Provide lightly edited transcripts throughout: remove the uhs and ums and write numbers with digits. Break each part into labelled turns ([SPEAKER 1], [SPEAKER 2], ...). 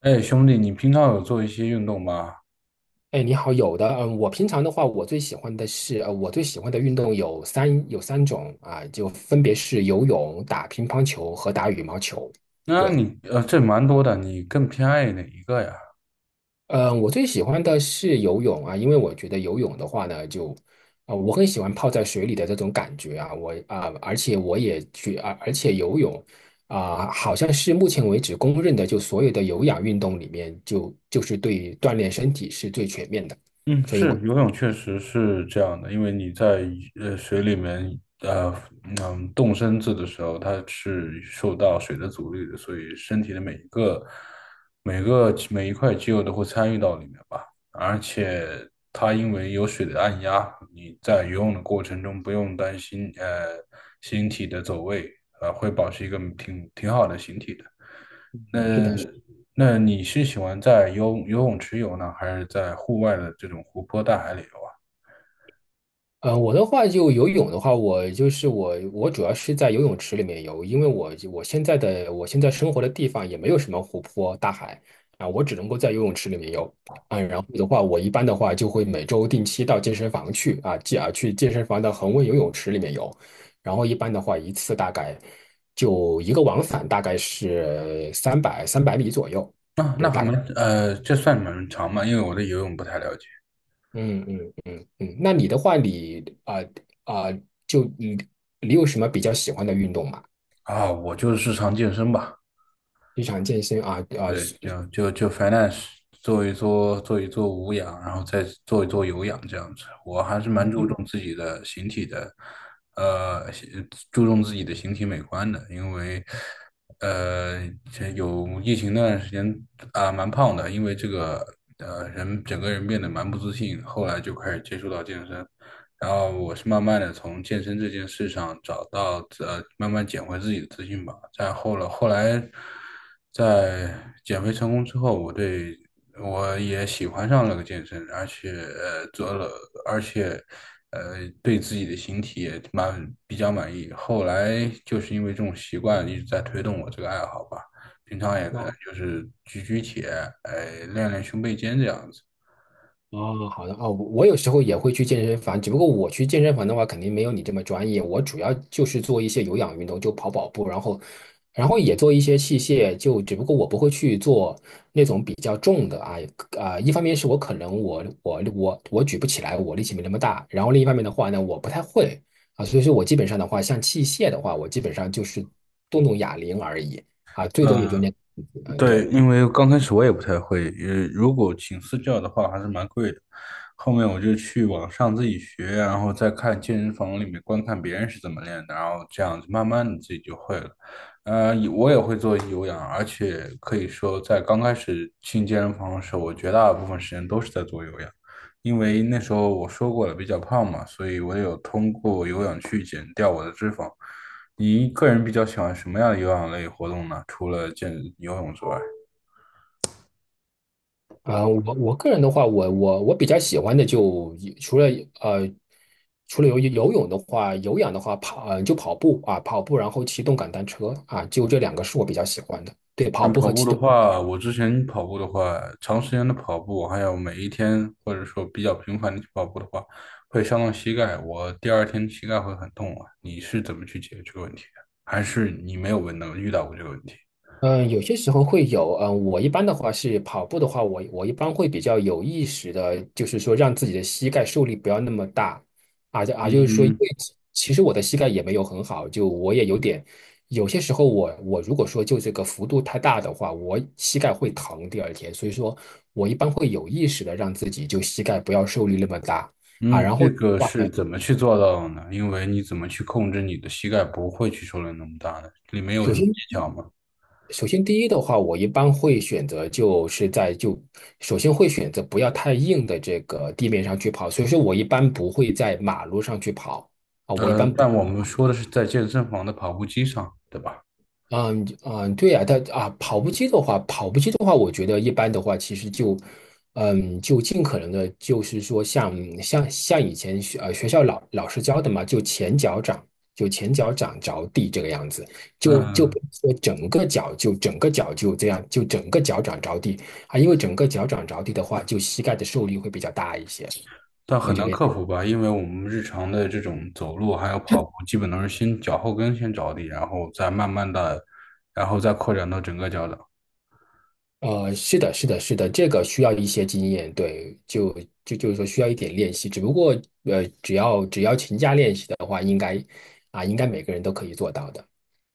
[SPEAKER 1] 哎，兄弟，你平常有做一些运动吗？
[SPEAKER 2] 哎，你好，有的，我平常的话，我最喜欢的运动有三种啊，就分别是游泳、打乒乓球和打羽毛球。
[SPEAKER 1] 那
[SPEAKER 2] 对，
[SPEAKER 1] 你呃，这蛮多的，你更偏爱哪一个呀？
[SPEAKER 2] 嗯，我最喜欢的是游泳啊，因为我觉得游泳的话呢，就，啊，我很喜欢泡在水里的这种感觉啊，我啊，而且我也去啊，而且游泳啊，好像是目前为止公认的，就所有的有氧运动里面就是对锻炼身体是最全面的，
[SPEAKER 1] 嗯，
[SPEAKER 2] 所以我
[SPEAKER 1] 游泳确实是这样的，因为你在水里面，嗯，动身子的时候，它是受到水的阻力的，所以身体的每一个、每个每一块肌肉都会参与到里面吧。而且它因为有水的按压，你在游泳的过程中不用担心形体的走位，呃，会保持一个挺好的形体的。那
[SPEAKER 2] 是的。
[SPEAKER 1] 那你是喜欢在游泳池游呢，还是在户外的这种湖泊大海里游啊？
[SPEAKER 2] 我的话就游泳的话，我主要是在游泳池里面游，因为我现在生活的地方也没有什么湖泊、大海啊，我只能够在游泳池里面游啊。然后的话，我一般的话就会每周定期到健身房去啊，去健身房的恒温游泳池里面游，然后一般的话一次大概就一个往返大概是三百米左右。
[SPEAKER 1] 那那还没，呃，这算蛮长嘛，因为我对游泳不太了解
[SPEAKER 2] 嗯嗯嗯嗯，那你的话你，啊啊就你有什么比较喜欢的运动吗？
[SPEAKER 1] 啊。我就是日常健身吧。
[SPEAKER 2] 日常健身啊
[SPEAKER 1] 对，
[SPEAKER 2] 是
[SPEAKER 1] 就 finance 做一做无氧，然后再做一做有氧这样子。我还是蛮注重自己的形体的，呃，形注重自己的形体美观的，因为呃，这有疫情那段时间啊，蛮胖的，因为这个整个人变得蛮不自信，后来就开始接触到健身。然后我是慢慢的从健身这件事上找到呃，慢慢捡回自己的自信吧。再后来，后来在减肥成功之后，我也喜欢上了个健身，而且呃对自己的形体也蛮比较满意。后来就是因为这种习惯一直在推动我这个爱好吧，平常也可能
[SPEAKER 2] 吗？
[SPEAKER 1] 就是举举铁，哎、练练胸背肩这样子。
[SPEAKER 2] 哦好的啊，我有时候也会去健身房，只不过我去健身房的话，肯定没有你这么专业。我主要就是做一些有氧运动，就跑跑步，然后也做一些器械，就只不过我不会去做那种比较重的啊、一方面是我可能我举不起来，我力气没那么大，然后另一方面的话呢，我不太会啊，所以说我基本上的话，像器械的话，我基本上就是动动哑铃而已啊，最多也就那，
[SPEAKER 1] 嗯，
[SPEAKER 2] 嗯，
[SPEAKER 1] 对，
[SPEAKER 2] 对。
[SPEAKER 1] 因为刚开始我也不太会，呃，如果请私教的话还是蛮贵的。后面我就去网上自己学，然后再看健身房里面观看别人是怎么练的，然后这样子慢慢的自己就会了。呃，我也会做有氧，而且可以说在刚开始进健身房的时候，我绝大部分时间都是在做有氧，因为那时候我说过了比较胖嘛，所以我有通过有氧去减掉我的脂肪。你个人比较喜欢什么样的有氧类活动呢？除了游泳之外，
[SPEAKER 2] 啊，我个人的话，我比较喜欢的就呃，除了游泳的话，有氧的话就跑步啊，跑步然后骑动感单车啊，就这两个是我比较喜欢的。对，跑
[SPEAKER 1] 但
[SPEAKER 2] 步
[SPEAKER 1] 跑
[SPEAKER 2] 和
[SPEAKER 1] 步的话，我之前跑步的话，长时间的跑步，还有每一天或者说比较频繁的去跑步的话，会伤到膝盖，我第二天膝盖会很痛啊。你是怎么去解决这个问题的？还是你没有遇到过这个问题？
[SPEAKER 2] 嗯，有些时候会有，嗯，我一般的话是跑步的话，我一般会比较有意识的，就是说让自己的膝盖受力不要那么大，啊就啊，就是说，因
[SPEAKER 1] 嗯
[SPEAKER 2] 为其实我的膝盖也没有很好，就我也有点，有些时候我如果说就这个幅度太大的话，我膝盖会疼第二天，所以说我一般会有意识的让自己就膝盖不要受力那么大啊，
[SPEAKER 1] 嗯，
[SPEAKER 2] 然后
[SPEAKER 1] 这
[SPEAKER 2] 的
[SPEAKER 1] 个
[SPEAKER 2] 话
[SPEAKER 1] 是
[SPEAKER 2] 呢，
[SPEAKER 1] 怎么去做到的呢？因为你怎么去控制你的膝盖不会去受到那么大的？里没有
[SPEAKER 2] 首
[SPEAKER 1] 什么技
[SPEAKER 2] 先。
[SPEAKER 1] 巧吗？
[SPEAKER 2] 首先，第一的话，我一般会选择就是在就首先会选择不要太硬的这个地面上去跑，所以说我一般不会在马路上去跑啊，我一
[SPEAKER 1] 呃，
[SPEAKER 2] 般不。
[SPEAKER 1] 但我们说的是在健身房的跑步机上，对吧？
[SPEAKER 2] 嗯嗯，对呀，但啊，跑步机的话，我觉得一般的话，其实就，就尽可能的，就是说像以前学校老师教的嘛，就前脚掌着地这个样子，就
[SPEAKER 1] 嗯，
[SPEAKER 2] 不是说整个脚就这样，就整个脚掌着地啊，因为整个脚掌着地的话，就膝盖的受力会比较大一些，
[SPEAKER 1] 但
[SPEAKER 2] 对
[SPEAKER 1] 很
[SPEAKER 2] 这个
[SPEAKER 1] 难
[SPEAKER 2] 样。
[SPEAKER 1] 克服吧，因为我们日常的这种走路还有跑步，基本都是先脚后跟先着地，然后再慢慢的，然后再扩展到整个脚掌。
[SPEAKER 2] 是的，是的，是的，这个需要一些经验，对，就是说需要一点练习，只不过只要勤加练习的话，应该应该每个人都可以做到的，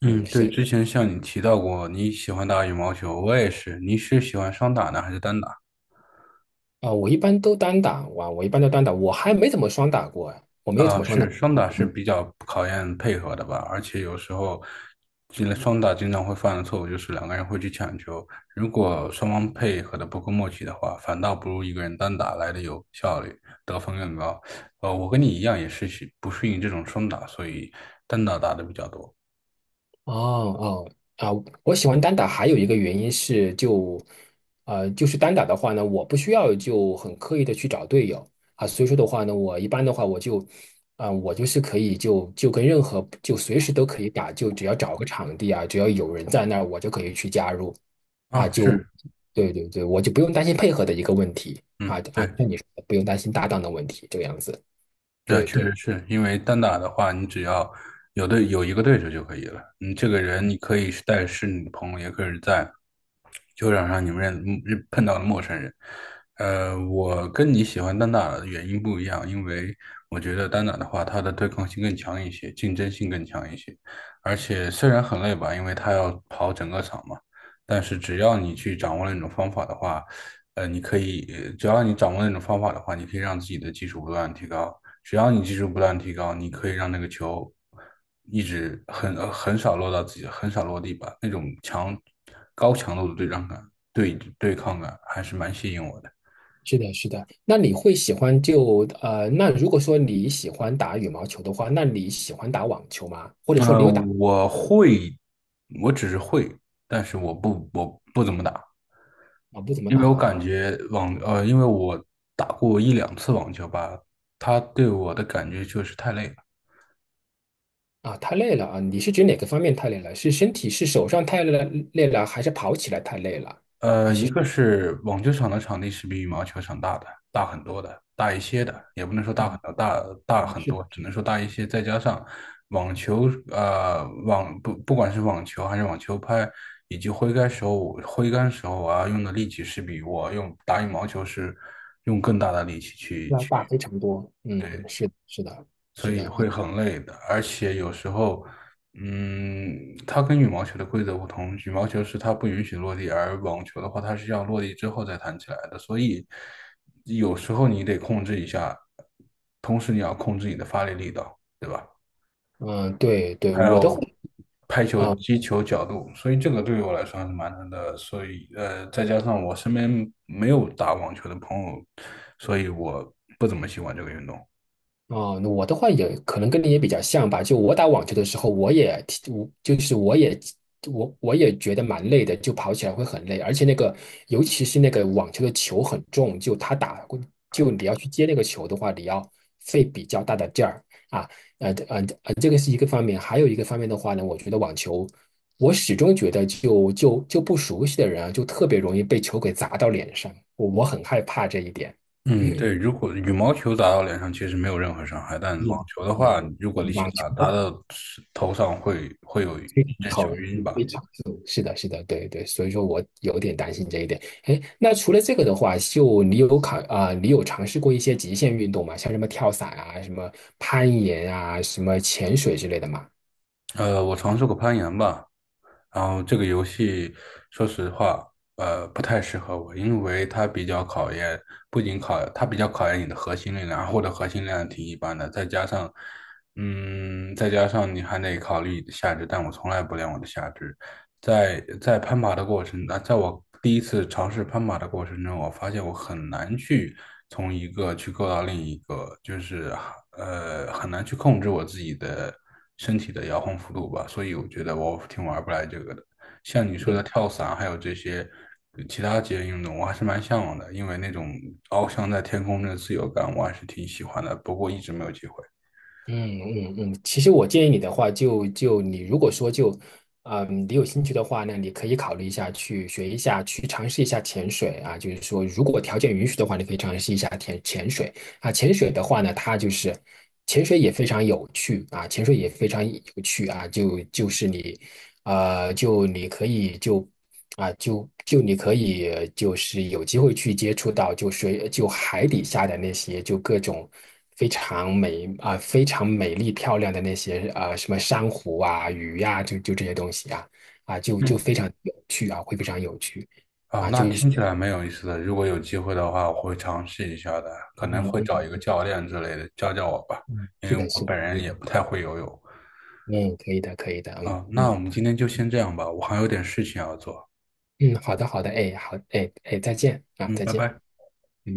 [SPEAKER 1] 嗯，
[SPEAKER 2] 嗯，是
[SPEAKER 1] 对，
[SPEAKER 2] 的
[SPEAKER 1] 之前像你提到过你喜欢打羽毛球，我也是。你是喜欢双打呢，还是单打？
[SPEAKER 2] 啊，我一般都单打，哇，我一般都单打，我还没怎么双打过啊，哎我没有怎
[SPEAKER 1] 啊，
[SPEAKER 2] 么双。打。
[SPEAKER 1] 双打是比较考验配合的吧，而且有时候，进了双打经常会犯的错误就是两个人会去抢球，如果双方配合的不够默契的话，反倒不如一个人单打来的有效率，得分更高。呃，我跟你一样也是喜不适应这种双打，所以单打打的比较多。
[SPEAKER 2] 哦哦啊，我喜欢单打还有一个原因是就是单打的话呢，我不需要就很刻意的去找队友啊，所以说的话呢，我一般的话我就，啊、我就是可以就跟任何就随时都可以打，就只要找个场地啊，只要有人在那儿，我就可以去加入啊，
[SPEAKER 1] 啊，是，
[SPEAKER 2] 对对对，我就不用担心配合的一个问题
[SPEAKER 1] 嗯，
[SPEAKER 2] 啊，
[SPEAKER 1] 对。
[SPEAKER 2] 像你说的不用担心搭档的问题，这个样子，
[SPEAKER 1] 那
[SPEAKER 2] 对
[SPEAKER 1] 确实
[SPEAKER 2] 对。
[SPEAKER 1] 是因为单打的话，你只要有一个对手就可以了。你这个人，你可以是你的朋友，也可以是在球场上你们碰到了陌生人。呃，我跟你喜欢单打的原因不一样，因为我觉得单打的话，它的对抗性更强一些，竞争性更强一些，而且虽然很累吧，因为它要跑整个场嘛，但是只要你去掌握那种方法的话，呃，你可以，呃只要你掌握那种方法的话，你可以让自己的技术不断地提高。只要你技术不断提高，你可以让那个球一直很少落到自己，很少落地吧。那种强高强度的对战感、对抗感还是蛮吸引我的。
[SPEAKER 2] 是的，是的。那如果说你喜欢打羽毛球的话，那你喜欢打网球吗？或者说
[SPEAKER 1] 呃，
[SPEAKER 2] 你有打
[SPEAKER 1] 我会，我只是会，但是我不怎么打，
[SPEAKER 2] 啊？不怎么
[SPEAKER 1] 因
[SPEAKER 2] 打
[SPEAKER 1] 为我感
[SPEAKER 2] 啊？
[SPEAKER 1] 觉网呃，因为我打过一两次网球吧，它对我的感觉就是太累了。
[SPEAKER 2] 啊，太累了啊！你是指哪个方面太累了？是身体是手上太累了还是跑起来太累了？
[SPEAKER 1] 呃，一个是网球场的场地是比羽毛球场大的，大很多的，大一些的，也不能说大很
[SPEAKER 2] 嗯，
[SPEAKER 1] 多，很
[SPEAKER 2] 是的，
[SPEAKER 1] 多，只能说大一些。再加上网球，呃，网不不管是网球还是网球拍，以及挥杆时候我要用的力气是比我用打羽毛球是用更大的力气去
[SPEAKER 2] 要
[SPEAKER 1] 去。
[SPEAKER 2] 大非常多。
[SPEAKER 1] 对。
[SPEAKER 2] 嗯，是的，是的，
[SPEAKER 1] 所
[SPEAKER 2] 是的
[SPEAKER 1] 以
[SPEAKER 2] 啊。
[SPEAKER 1] 会很累的。而且有时候，嗯，它跟羽毛球的规则不同，羽毛球是它不允许落地，而网球的话，它是要落地之后再弹起来的。所以有时候你得控制一下，同时你要控制你的发力力道，对吧？
[SPEAKER 2] 嗯，对对，
[SPEAKER 1] 还
[SPEAKER 2] 我的话。
[SPEAKER 1] 有拍球、
[SPEAKER 2] 啊
[SPEAKER 1] 击球角度，所以这个对于我来说还是蛮难的。所以呃，再加上我身边没有打网球的朋友，所以我不怎么喜欢这个运动。
[SPEAKER 2] 哦，那我的话也可能跟你也比较像吧。就我打网球的时候，我也挺我就是我也我我也觉得蛮累的，就跑起来会很累，而且那个尤其是那个网球的球很重，就他打就你要去接那个球的话，你要费比较大的劲儿啊。这个是一个方面，还有一个方面的话呢，我觉得网球，我始终觉得就不熟悉的人啊，就特别容易被球给砸到脸上，我很害怕这一点。
[SPEAKER 1] 嗯，对，如果羽毛球打到脸上其实没有任何伤害，但网
[SPEAKER 2] 嗯，
[SPEAKER 1] 球的话，
[SPEAKER 2] 对，
[SPEAKER 1] 如果力气
[SPEAKER 2] 网
[SPEAKER 1] 大，打
[SPEAKER 2] 球。
[SPEAKER 1] 到头上会有一
[SPEAKER 2] 非常
[SPEAKER 1] 阵小
[SPEAKER 2] 疼，
[SPEAKER 1] 晕吧。
[SPEAKER 2] 非常疼，是的，是的，对对，所以说我有点担心这一点。哎，那除了这个的话，就你有考啊、你有尝试过一些极限运动吗？像什么跳伞啊、什么攀岩啊、什么潜水之类的吗？
[SPEAKER 1] 呃，我尝试过攀岩吧，然后这个游戏说实话，呃，不太适合我，因为它比较考验，不仅考，它比较考验你的核心力量，然或的核心力量挺一般的，再加上，嗯，再加上你还得考虑你的下肢，但我从来不练我的下肢，在攀爬的过程，啊，在我第一次尝试攀爬的过程中，我发现我很难去从一个去够到另一个，很难去控制我自己的身体的摇晃幅度吧，所以我觉得我挺玩不来这个的。像你说的跳伞，还有这些其他极限运动，我还是蛮向往的，因为那种翱翔在天空的自由感，我还是挺喜欢的，不过一直没有机会。
[SPEAKER 2] 嗯嗯嗯，其实我建议你的话就，就你如果说就，啊，你有兴趣的话呢，你可以考虑一下去学一下，去尝试一下潜水啊。就是说，如果条件允许的话，你可以尝试一下潜水啊。潜水的话呢，它就是潜水也非常有趣啊，潜水也非常有趣啊。你可以就啊、就就你可以就是有机会去接触到就水就海底下的那些就各种非常美丽漂亮的那些啊、什么珊瑚啊鱼呀、就这些东西啊就非常有趣啊会非常有趣
[SPEAKER 1] 啊，
[SPEAKER 2] 啊
[SPEAKER 1] 那
[SPEAKER 2] 就是说
[SPEAKER 1] 听起来蛮有意思的。如果有机会的话，我会尝试一下的，可能
[SPEAKER 2] 嗯
[SPEAKER 1] 会找
[SPEAKER 2] 嗯
[SPEAKER 1] 一个教练之类的教教我吧，
[SPEAKER 2] 嗯
[SPEAKER 1] 因
[SPEAKER 2] 是
[SPEAKER 1] 为
[SPEAKER 2] 的
[SPEAKER 1] 我
[SPEAKER 2] 是的
[SPEAKER 1] 本
[SPEAKER 2] 可
[SPEAKER 1] 人
[SPEAKER 2] 以
[SPEAKER 1] 也
[SPEAKER 2] 的
[SPEAKER 1] 不太会游泳。
[SPEAKER 2] 嗯可以的可以的嗯
[SPEAKER 1] 啊，那我
[SPEAKER 2] 嗯
[SPEAKER 1] 们今天就先这样吧，我还有点事情要做。
[SPEAKER 2] 嗯好的好的哎好哎哎再见啊
[SPEAKER 1] 嗯，
[SPEAKER 2] 再
[SPEAKER 1] 拜
[SPEAKER 2] 见。
[SPEAKER 1] 拜。
[SPEAKER 2] 嗯。